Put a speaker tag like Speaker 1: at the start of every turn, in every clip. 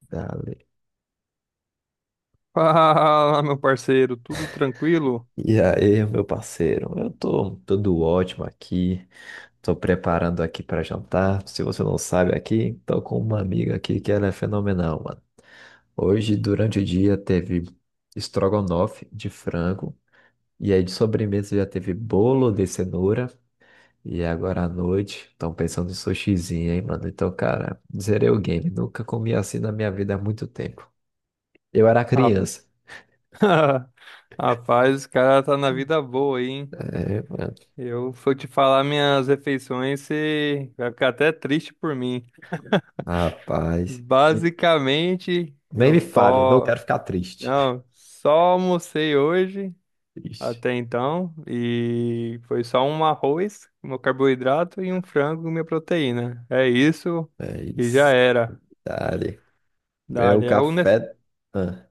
Speaker 1: Dale.
Speaker 2: Fala, meu parceiro, tudo tranquilo?
Speaker 1: E aí, meu parceiro, eu tô tudo ótimo aqui, tô preparando aqui para jantar. Se você não sabe aqui, tô com uma amiga aqui que ela é fenomenal, mano. Hoje, durante o dia, teve estrogonofe de frango, e aí de sobremesa já teve bolo de cenoura, e agora à noite, estão pensando em sushizinho, hein, mano? Então, cara, zerei o game, nunca comi assim na minha vida há muito tempo. Eu era
Speaker 2: Ra-
Speaker 1: criança,
Speaker 2: Rapaz, esse cara tá na vida boa, aí, hein?
Speaker 1: é, mano,
Speaker 2: Eu for te falar minhas refeições, você vai ficar até triste por mim.
Speaker 1: rapaz.
Speaker 2: Basicamente,
Speaker 1: Nem
Speaker 2: eu
Speaker 1: me fale, não
Speaker 2: só,
Speaker 1: quero ficar triste.
Speaker 2: não, só almocei hoje
Speaker 1: Ixi,
Speaker 2: até então e foi só um arroz, meu carboidrato e um frango, minha proteína. É isso
Speaker 1: é
Speaker 2: e já
Speaker 1: isso.
Speaker 2: era.
Speaker 1: Dale. É o
Speaker 2: Dali é o ne-
Speaker 1: café. Ah,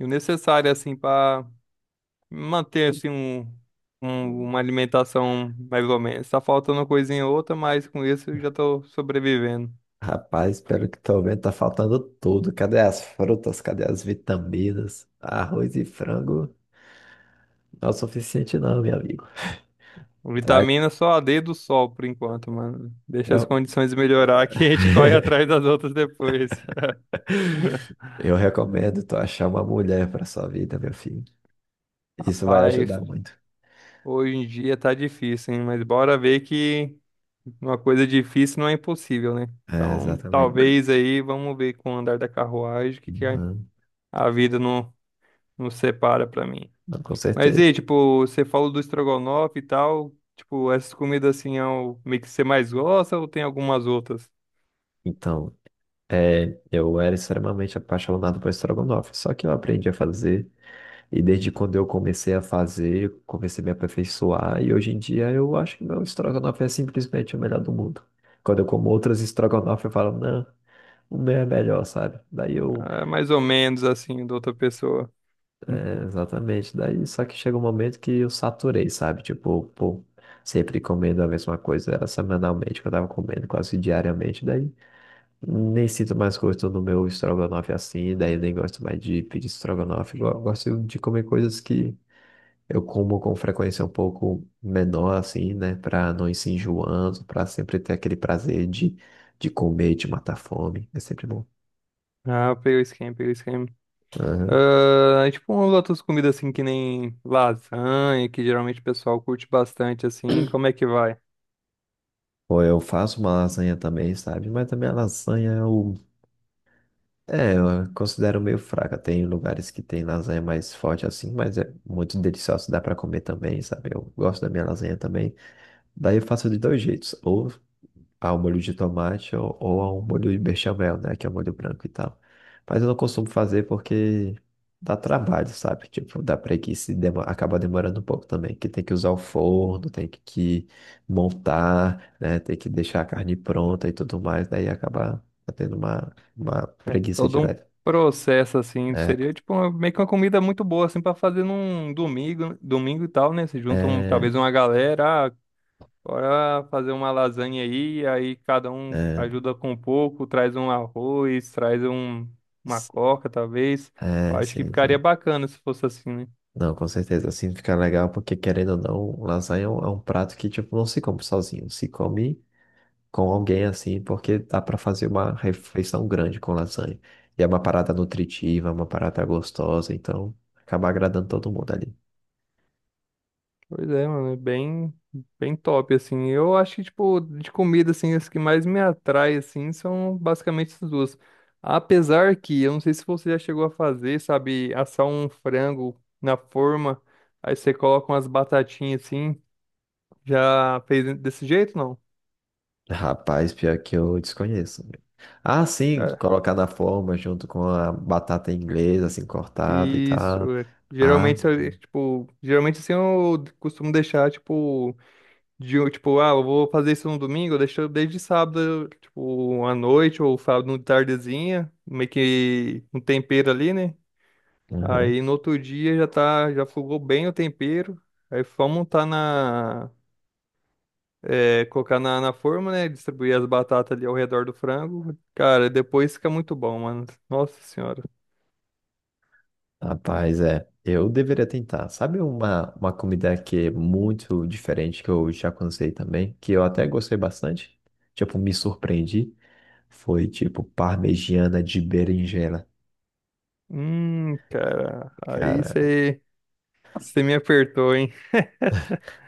Speaker 2: O necessário assim para manter assim uma alimentação mais ou menos. Tá faltando uma coisinha ou outra, mas com isso eu já tô sobrevivendo.
Speaker 1: rapaz, pelo que tô vendo, tá faltando tudo. Cadê as frutas? Cadê as vitaminas? Arroz e frango não é o suficiente, não, meu amigo. Vai.
Speaker 2: Vitamina só a D do sol por enquanto, mano. Deixa as
Speaker 1: Eu,
Speaker 2: condições melhorar que a gente corre atrás das outras depois.
Speaker 1: eu recomendo tu achar uma mulher pra sua vida, meu filho. Isso vai
Speaker 2: Rapaz,
Speaker 1: ajudar muito.
Speaker 2: hoje em dia tá difícil, hein? Mas bora ver que uma coisa difícil não é impossível, né?
Speaker 1: É,
Speaker 2: Então,
Speaker 1: exatamente.
Speaker 2: talvez aí, vamos ver com o andar da carruagem o que que a
Speaker 1: Uhum.
Speaker 2: a vida não nos separa pra mim.
Speaker 1: Não, com
Speaker 2: Mas e,
Speaker 1: certeza.
Speaker 2: aí, tipo, você falou do estrogonofe e tal, tipo, essas comidas assim é o meio que você mais gosta ou tem algumas outras?
Speaker 1: Então, é, eu era extremamente apaixonado por estrogonofe, só que eu aprendi a fazer. E desde quando eu comecei a fazer, eu comecei a me aperfeiçoar, e hoje em dia eu acho que meu estrogonofe é simplesmente o melhor do mundo. Quando eu como outras estrogonofe, eu falo, não, o meu é melhor, sabe? Daí eu,
Speaker 2: Ah, é mais ou menos assim, da outra pessoa. Hum.
Speaker 1: é, exatamente, daí só que chega um momento que eu saturei, sabe? Tipo, pô, sempre comendo a mesma coisa, era semanalmente que eu tava comendo, quase diariamente, daí nem sinto mais gosto no meu estrogonofe assim, daí eu nem gosto mais de pedir estrogonofe, eu gosto de comer coisas que eu como com frequência um pouco menor, assim, né? Pra não ir se enjoando, pra sempre ter aquele prazer de comer, de matar a fome. É sempre bom.
Speaker 2: Ah, peguei o esquema, peguei o esquema.
Speaker 1: Aham.
Speaker 2: Ah, e, tipo, umas outras comidas assim que nem lasanha, que geralmente o pessoal curte bastante assim, como é que vai?
Speaker 1: Ou eu faço uma lasanha também, sabe? Mas também a lasanha eu, é, eu considero meio fraca. Tem lugares que tem lasanha mais forte assim, mas é muito deliciosa, dá pra comer também, sabe? Eu gosto da minha lasanha também. Daí eu faço de dois jeitos. Ou ao molho de tomate ou ao molho de bechamel, né? Que é o molho branco e tal. Mas eu não costumo fazer porque dá trabalho, sabe? Tipo, dá preguiça e acaba demorando um pouco também. Que tem que usar o forno, tem que montar, né? Tem que deixar a carne pronta e tudo mais. Daí acaba tendo uma
Speaker 2: É
Speaker 1: preguiça de
Speaker 2: todo um
Speaker 1: leve.
Speaker 2: processo assim,
Speaker 1: É,
Speaker 2: seria tipo meio que uma comida muito boa assim pra fazer num domingo, domingo e tal, né? Você junta um,
Speaker 1: é,
Speaker 2: talvez uma galera, ah, bora fazer uma lasanha aí, aí cada um
Speaker 1: é,
Speaker 2: ajuda com um pouco, traz um arroz, traz um, uma
Speaker 1: s-
Speaker 2: coca, talvez. Eu
Speaker 1: é,
Speaker 2: acho que
Speaker 1: sim,
Speaker 2: ficaria
Speaker 1: sim.
Speaker 2: bacana se fosse assim, né?
Speaker 1: Não, com certeza, assim fica legal, porque querendo ou não, lasanha é um prato que, tipo, não se come sozinho, se come com alguém assim, porque dá para fazer uma refeição grande com lasanha. E é uma parada nutritiva, é uma parada gostosa, então acaba agradando todo mundo ali.
Speaker 2: Pois é, mano, é bem, bem top, assim. Eu acho que, tipo, de comida, assim, as que mais me atrai, assim, são basicamente essas duas. Apesar que, eu não sei se você já chegou a fazer, sabe, assar um frango na forma, aí você coloca umas batatinhas, assim, já fez desse jeito, não?
Speaker 1: Rapaz, pior que eu desconheço. Ah, sim, colocar na forma junto com a batata inglesa, assim, cortada e
Speaker 2: Isso,
Speaker 1: tal.
Speaker 2: é.
Speaker 1: Ah,
Speaker 2: Geralmente, se eu- tipo, geralmente assim eu costumo deixar, tipo, tipo, ah, eu vou fazer isso no domingo, eu deixo desde sábado, tipo, à noite ou sábado de tardezinha, meio que um tempero ali, né?
Speaker 1: aham.
Speaker 2: Aí no outro dia já tá, já fogou bem o tempero, aí vamos montar na, é, colocar na forma, né? Distribuir as batatas ali ao redor do frango. Cara, depois fica muito bom, mano. Nossa senhora.
Speaker 1: Rapaz, é. Eu deveria tentar. Sabe uma comida que é muito diferente que eu já cansei também, que eu até gostei bastante? Tipo, me surpreendi. Foi tipo parmegiana de berinjela.
Speaker 2: Cara, aí
Speaker 1: Cara,
Speaker 2: você. Você me apertou, hein?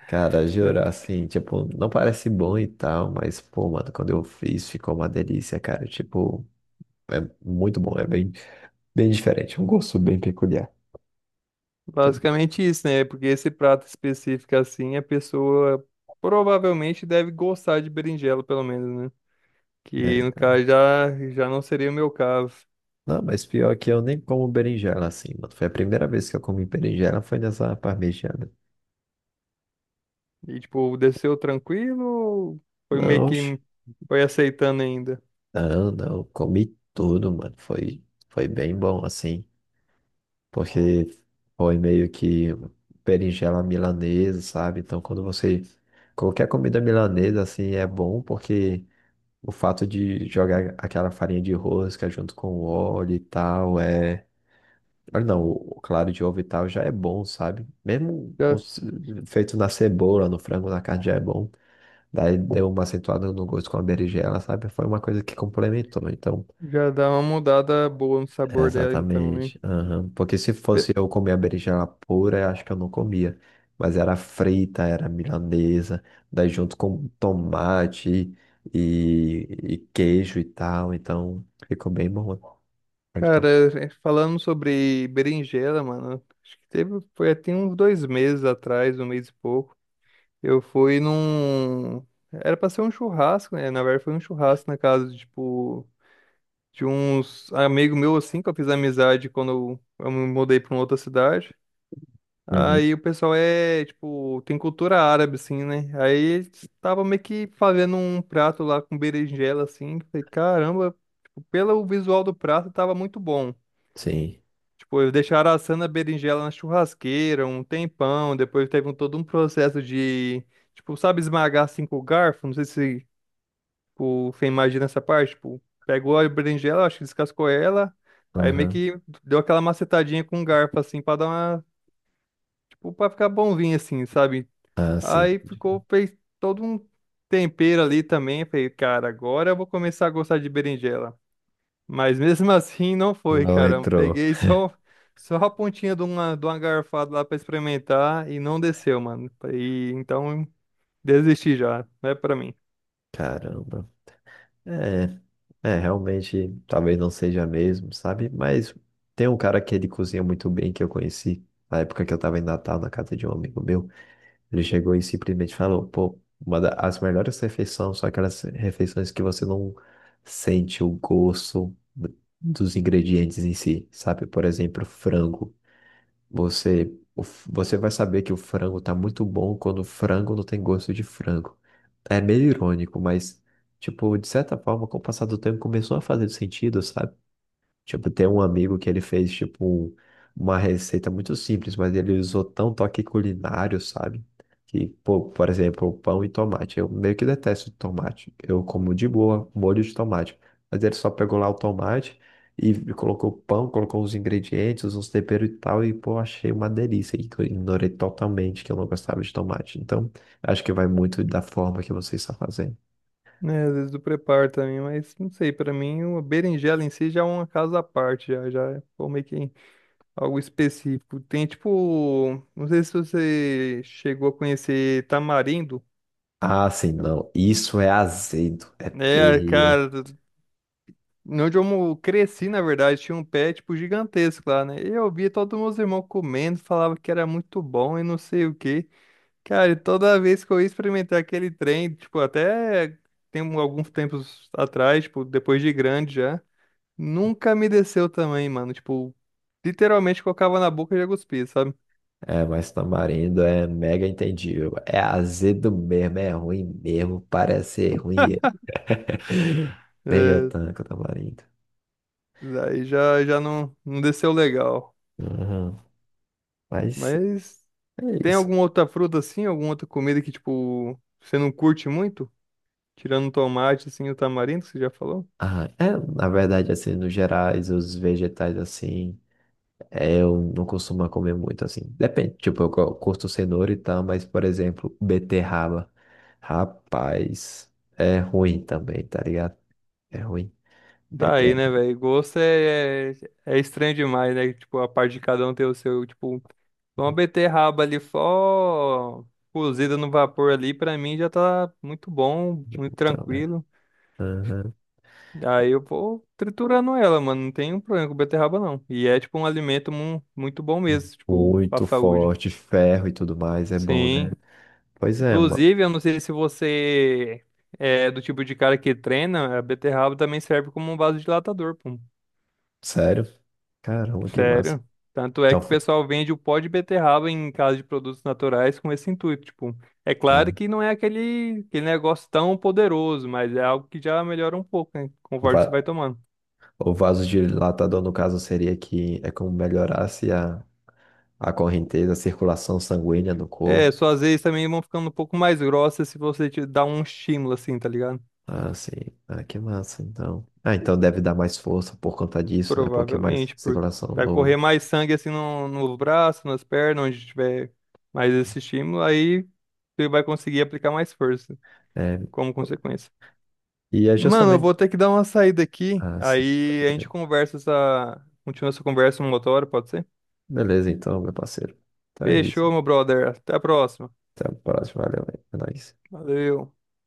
Speaker 1: cara,
Speaker 2: É,
Speaker 1: jurar assim, tipo, não parece bom e tal, mas pô, mano, quando eu fiz ficou uma delícia, cara. Tipo, é muito bom, é bem, bem diferente, um gosto bem peculiar.
Speaker 2: basicamente isso, né? Porque esse prato específico assim, a pessoa provavelmente deve gostar de berinjela, pelo menos, né?
Speaker 1: É,
Speaker 2: Que no
Speaker 1: então.
Speaker 2: caso já, já não seria o meu caso.
Speaker 1: Não, mas pior que eu nem como berinjela assim, mano. Foi a primeira vez que eu comi berinjela, foi nessa parmegiana.
Speaker 2: E tipo, desceu tranquilo ou foi meio
Speaker 1: Não,
Speaker 2: que
Speaker 1: oxe.
Speaker 2: foi aceitando ainda?
Speaker 1: Não, comi tudo, mano. Foi, foi bem bom, assim. Porque foi meio que berinjela milanesa, sabe? Então, quando você. Qualquer comida milanesa, assim, é bom, porque o fato de jogar aquela farinha de rosca junto com o óleo e tal, é. Olha, não, o claro de ovo e tal já é bom, sabe?
Speaker 2: Já,
Speaker 1: Feito na cebola, no frango, na carne já é bom. Daí deu uma acentuada no gosto com a berinjela, sabe? Foi uma coisa que complementou. Então,
Speaker 2: já dá uma mudada boa no sabor dela, então, né?
Speaker 1: exatamente. Aham. Porque se fosse
Speaker 2: Pe-
Speaker 1: eu comer a berinjela pura, eu acho que eu não comia. Mas era frita, era milanesa, daí junto com tomate e queijo e tal. Então ficou bem bom. Pode tomar.
Speaker 2: Cara, é, falando sobre berinjela, mano, acho que teve, foi até uns dois meses atrás, um mês e pouco. Eu fui num. Era pra ser um churrasco, né? Na verdade, foi um churrasco na casa, de, tipo, de uns amigo meu, assim, que eu fiz amizade quando eu me mudei pra uma outra cidade.
Speaker 1: Uhum.
Speaker 2: Aí o pessoal é, tipo, tem cultura árabe, assim, né? Aí eles estavam meio que fazendo um prato lá com berinjela, assim. Falei, caramba, tipo, pelo visual do prato, tava muito bom.
Speaker 1: Sim.
Speaker 2: Tipo, eu deixaram assando a berinjela na churrasqueira um tempão, depois teve um, todo um processo de, tipo, sabe esmagar assim com o garfo? Não sei se o você imagina essa parte, tipo, pegou a berinjela, acho que descascou ela, aí meio
Speaker 1: Aham.
Speaker 2: que deu aquela macetadinha com o garfo assim pra dar uma, tipo, pra ficar bonzinho assim, sabe?
Speaker 1: Ah, sim.
Speaker 2: Aí ficou, fez todo um tempero ali também, falei, cara, agora eu vou começar a gostar de berinjela. Mas mesmo assim não foi,
Speaker 1: Não
Speaker 2: cara. Eu
Speaker 1: entrou.
Speaker 2: peguei só, só a pontinha de uma garfada lá pra experimentar e não desceu, mano. E então desisti já, não é pra mim.
Speaker 1: Caramba. É, é, realmente, talvez não seja mesmo, sabe? Mas tem um cara que ele cozinha muito bem que eu conheci na época que eu tava em Natal na casa de um amigo meu. Ele chegou e simplesmente falou, pô, uma das melhores refeições são aquelas refeições que você não sente o gosto dos ingredientes em si, sabe? Por exemplo, frango. Você, você vai saber que o frango tá muito bom quando o frango não tem gosto de frango. É meio irônico, mas, tipo, de certa forma, com o passar do tempo começou a fazer sentido, sabe? Tipo, tem um amigo que ele fez, tipo, uma receita muito simples, mas ele usou tão toque culinário, sabe? Que, pô, por exemplo, pão e tomate. Eu meio que detesto tomate. Eu como de boa molho de tomate. Mas ele só pegou lá o tomate e colocou o pão, colocou os ingredientes, uns temperos e tal, e, pô, achei uma delícia. E eu ignorei totalmente que eu não gostava de tomate. Então, acho que vai muito da forma que você está fazendo.
Speaker 2: Né, às vezes eu preparo também, mas não sei, pra mim uma berinjela em si já é uma casa à parte, já, já é pô, meio que algo específico. Tem tipo, não sei se você chegou a conhecer tamarindo.
Speaker 1: Ah, sim, não. Isso é azedo. É
Speaker 2: Né? É,
Speaker 1: terrível.
Speaker 2: cara, onde eu cresci, na verdade, tinha um pé, tipo, gigantesco lá, né? E eu via todos os meus irmãos comendo, falava que era muito bom e não sei o quê. Cara, e toda vez que eu ia experimentar aquele trem, tipo, alguns tempos atrás, tipo, depois de grande já, nunca me desceu também, mano. Tipo, literalmente colocava na boca e já cuspia, sabe?
Speaker 1: É, mas tamarindo é mega entendível. É azedo mesmo, é ruim mesmo, parece ser ruim. Nem eu
Speaker 2: É,
Speaker 1: tanco tamarindo.
Speaker 2: daí já, não desceu legal.
Speaker 1: Uhum. Mas
Speaker 2: Mas
Speaker 1: é
Speaker 2: tem
Speaker 1: isso.
Speaker 2: alguma outra fruta assim, alguma outra comida que, tipo, você não curte muito? Tirando o tomate, assim, o tamarindo, que você já falou?
Speaker 1: Ah, é, na verdade, assim, no gerais, os vegetais, assim, é, eu não costumo comer muito, assim. Depende, tipo, curto cenoura e tal, mas, por exemplo, beterraba. Rapaz, é ruim também, tá ligado? É ruim.
Speaker 2: Tá aí, né,
Speaker 1: Beterraba.
Speaker 2: velho? Gosto é é estranho demais, né? Tipo, a parte de cada um ter o seu, tipo, uma beterraba ali só cozida no vapor ali, pra mim já tá muito bom, muito
Speaker 1: Então, né?
Speaker 2: tranquilo. Aí eu vou triturando ela, mano. Não tem um problema com beterraba, não. E é, tipo, um alimento muito bom mesmo, tipo, pra
Speaker 1: Muito
Speaker 2: saúde.
Speaker 1: forte, ferro e tudo mais, é bom,
Speaker 2: Sim.
Speaker 1: né? Pois é, mano.
Speaker 2: Inclusive, eu não sei se você é do tipo de cara que treina, a beterraba também serve como um vasodilatador, pô.
Speaker 1: Sério? Caramba, que massa.
Speaker 2: Sério. Tanto é
Speaker 1: Então,
Speaker 2: que o pessoal vende o pó de beterraba em casa de produtos naturais com esse intuito. Tipo, é claro
Speaker 1: né?
Speaker 2: que não é aquele negócio tão poderoso, mas é algo que já melhora um pouco, né?
Speaker 1: O
Speaker 2: Conforme você
Speaker 1: va-
Speaker 2: vai tomando.
Speaker 1: o vasodilatador, no caso, seria que é como melhorasse a correnteza, a circulação sanguínea do
Speaker 2: É,
Speaker 1: corpo.
Speaker 2: suas vezes também vão ficando um pouco mais grossas se você te dar um estímulo assim, tá ligado?
Speaker 1: Ah, sim. Ah, que massa, então. Ah, então deve dar mais força por conta disso, né? Porque é mais
Speaker 2: Provavelmente, porque
Speaker 1: circulação
Speaker 2: vai correr
Speaker 1: no...
Speaker 2: mais sangue assim no braço, nas pernas, onde tiver mais esse estímulo, aí você vai conseguir aplicar mais força
Speaker 1: É.
Speaker 2: como consequência.
Speaker 1: E é
Speaker 2: Mano, eu
Speaker 1: justamente...
Speaker 2: vou ter que dar uma saída aqui.
Speaker 1: Ah, sim.
Speaker 2: Aí a gente conversa essa. Continua essa conversa numa outra hora, pode ser?
Speaker 1: Beleza, então, meu parceiro. Então é isso.
Speaker 2: Fechou, meu brother. Até a próxima.
Speaker 1: Até a próxima. Valeu, é nóis.
Speaker 2: Valeu.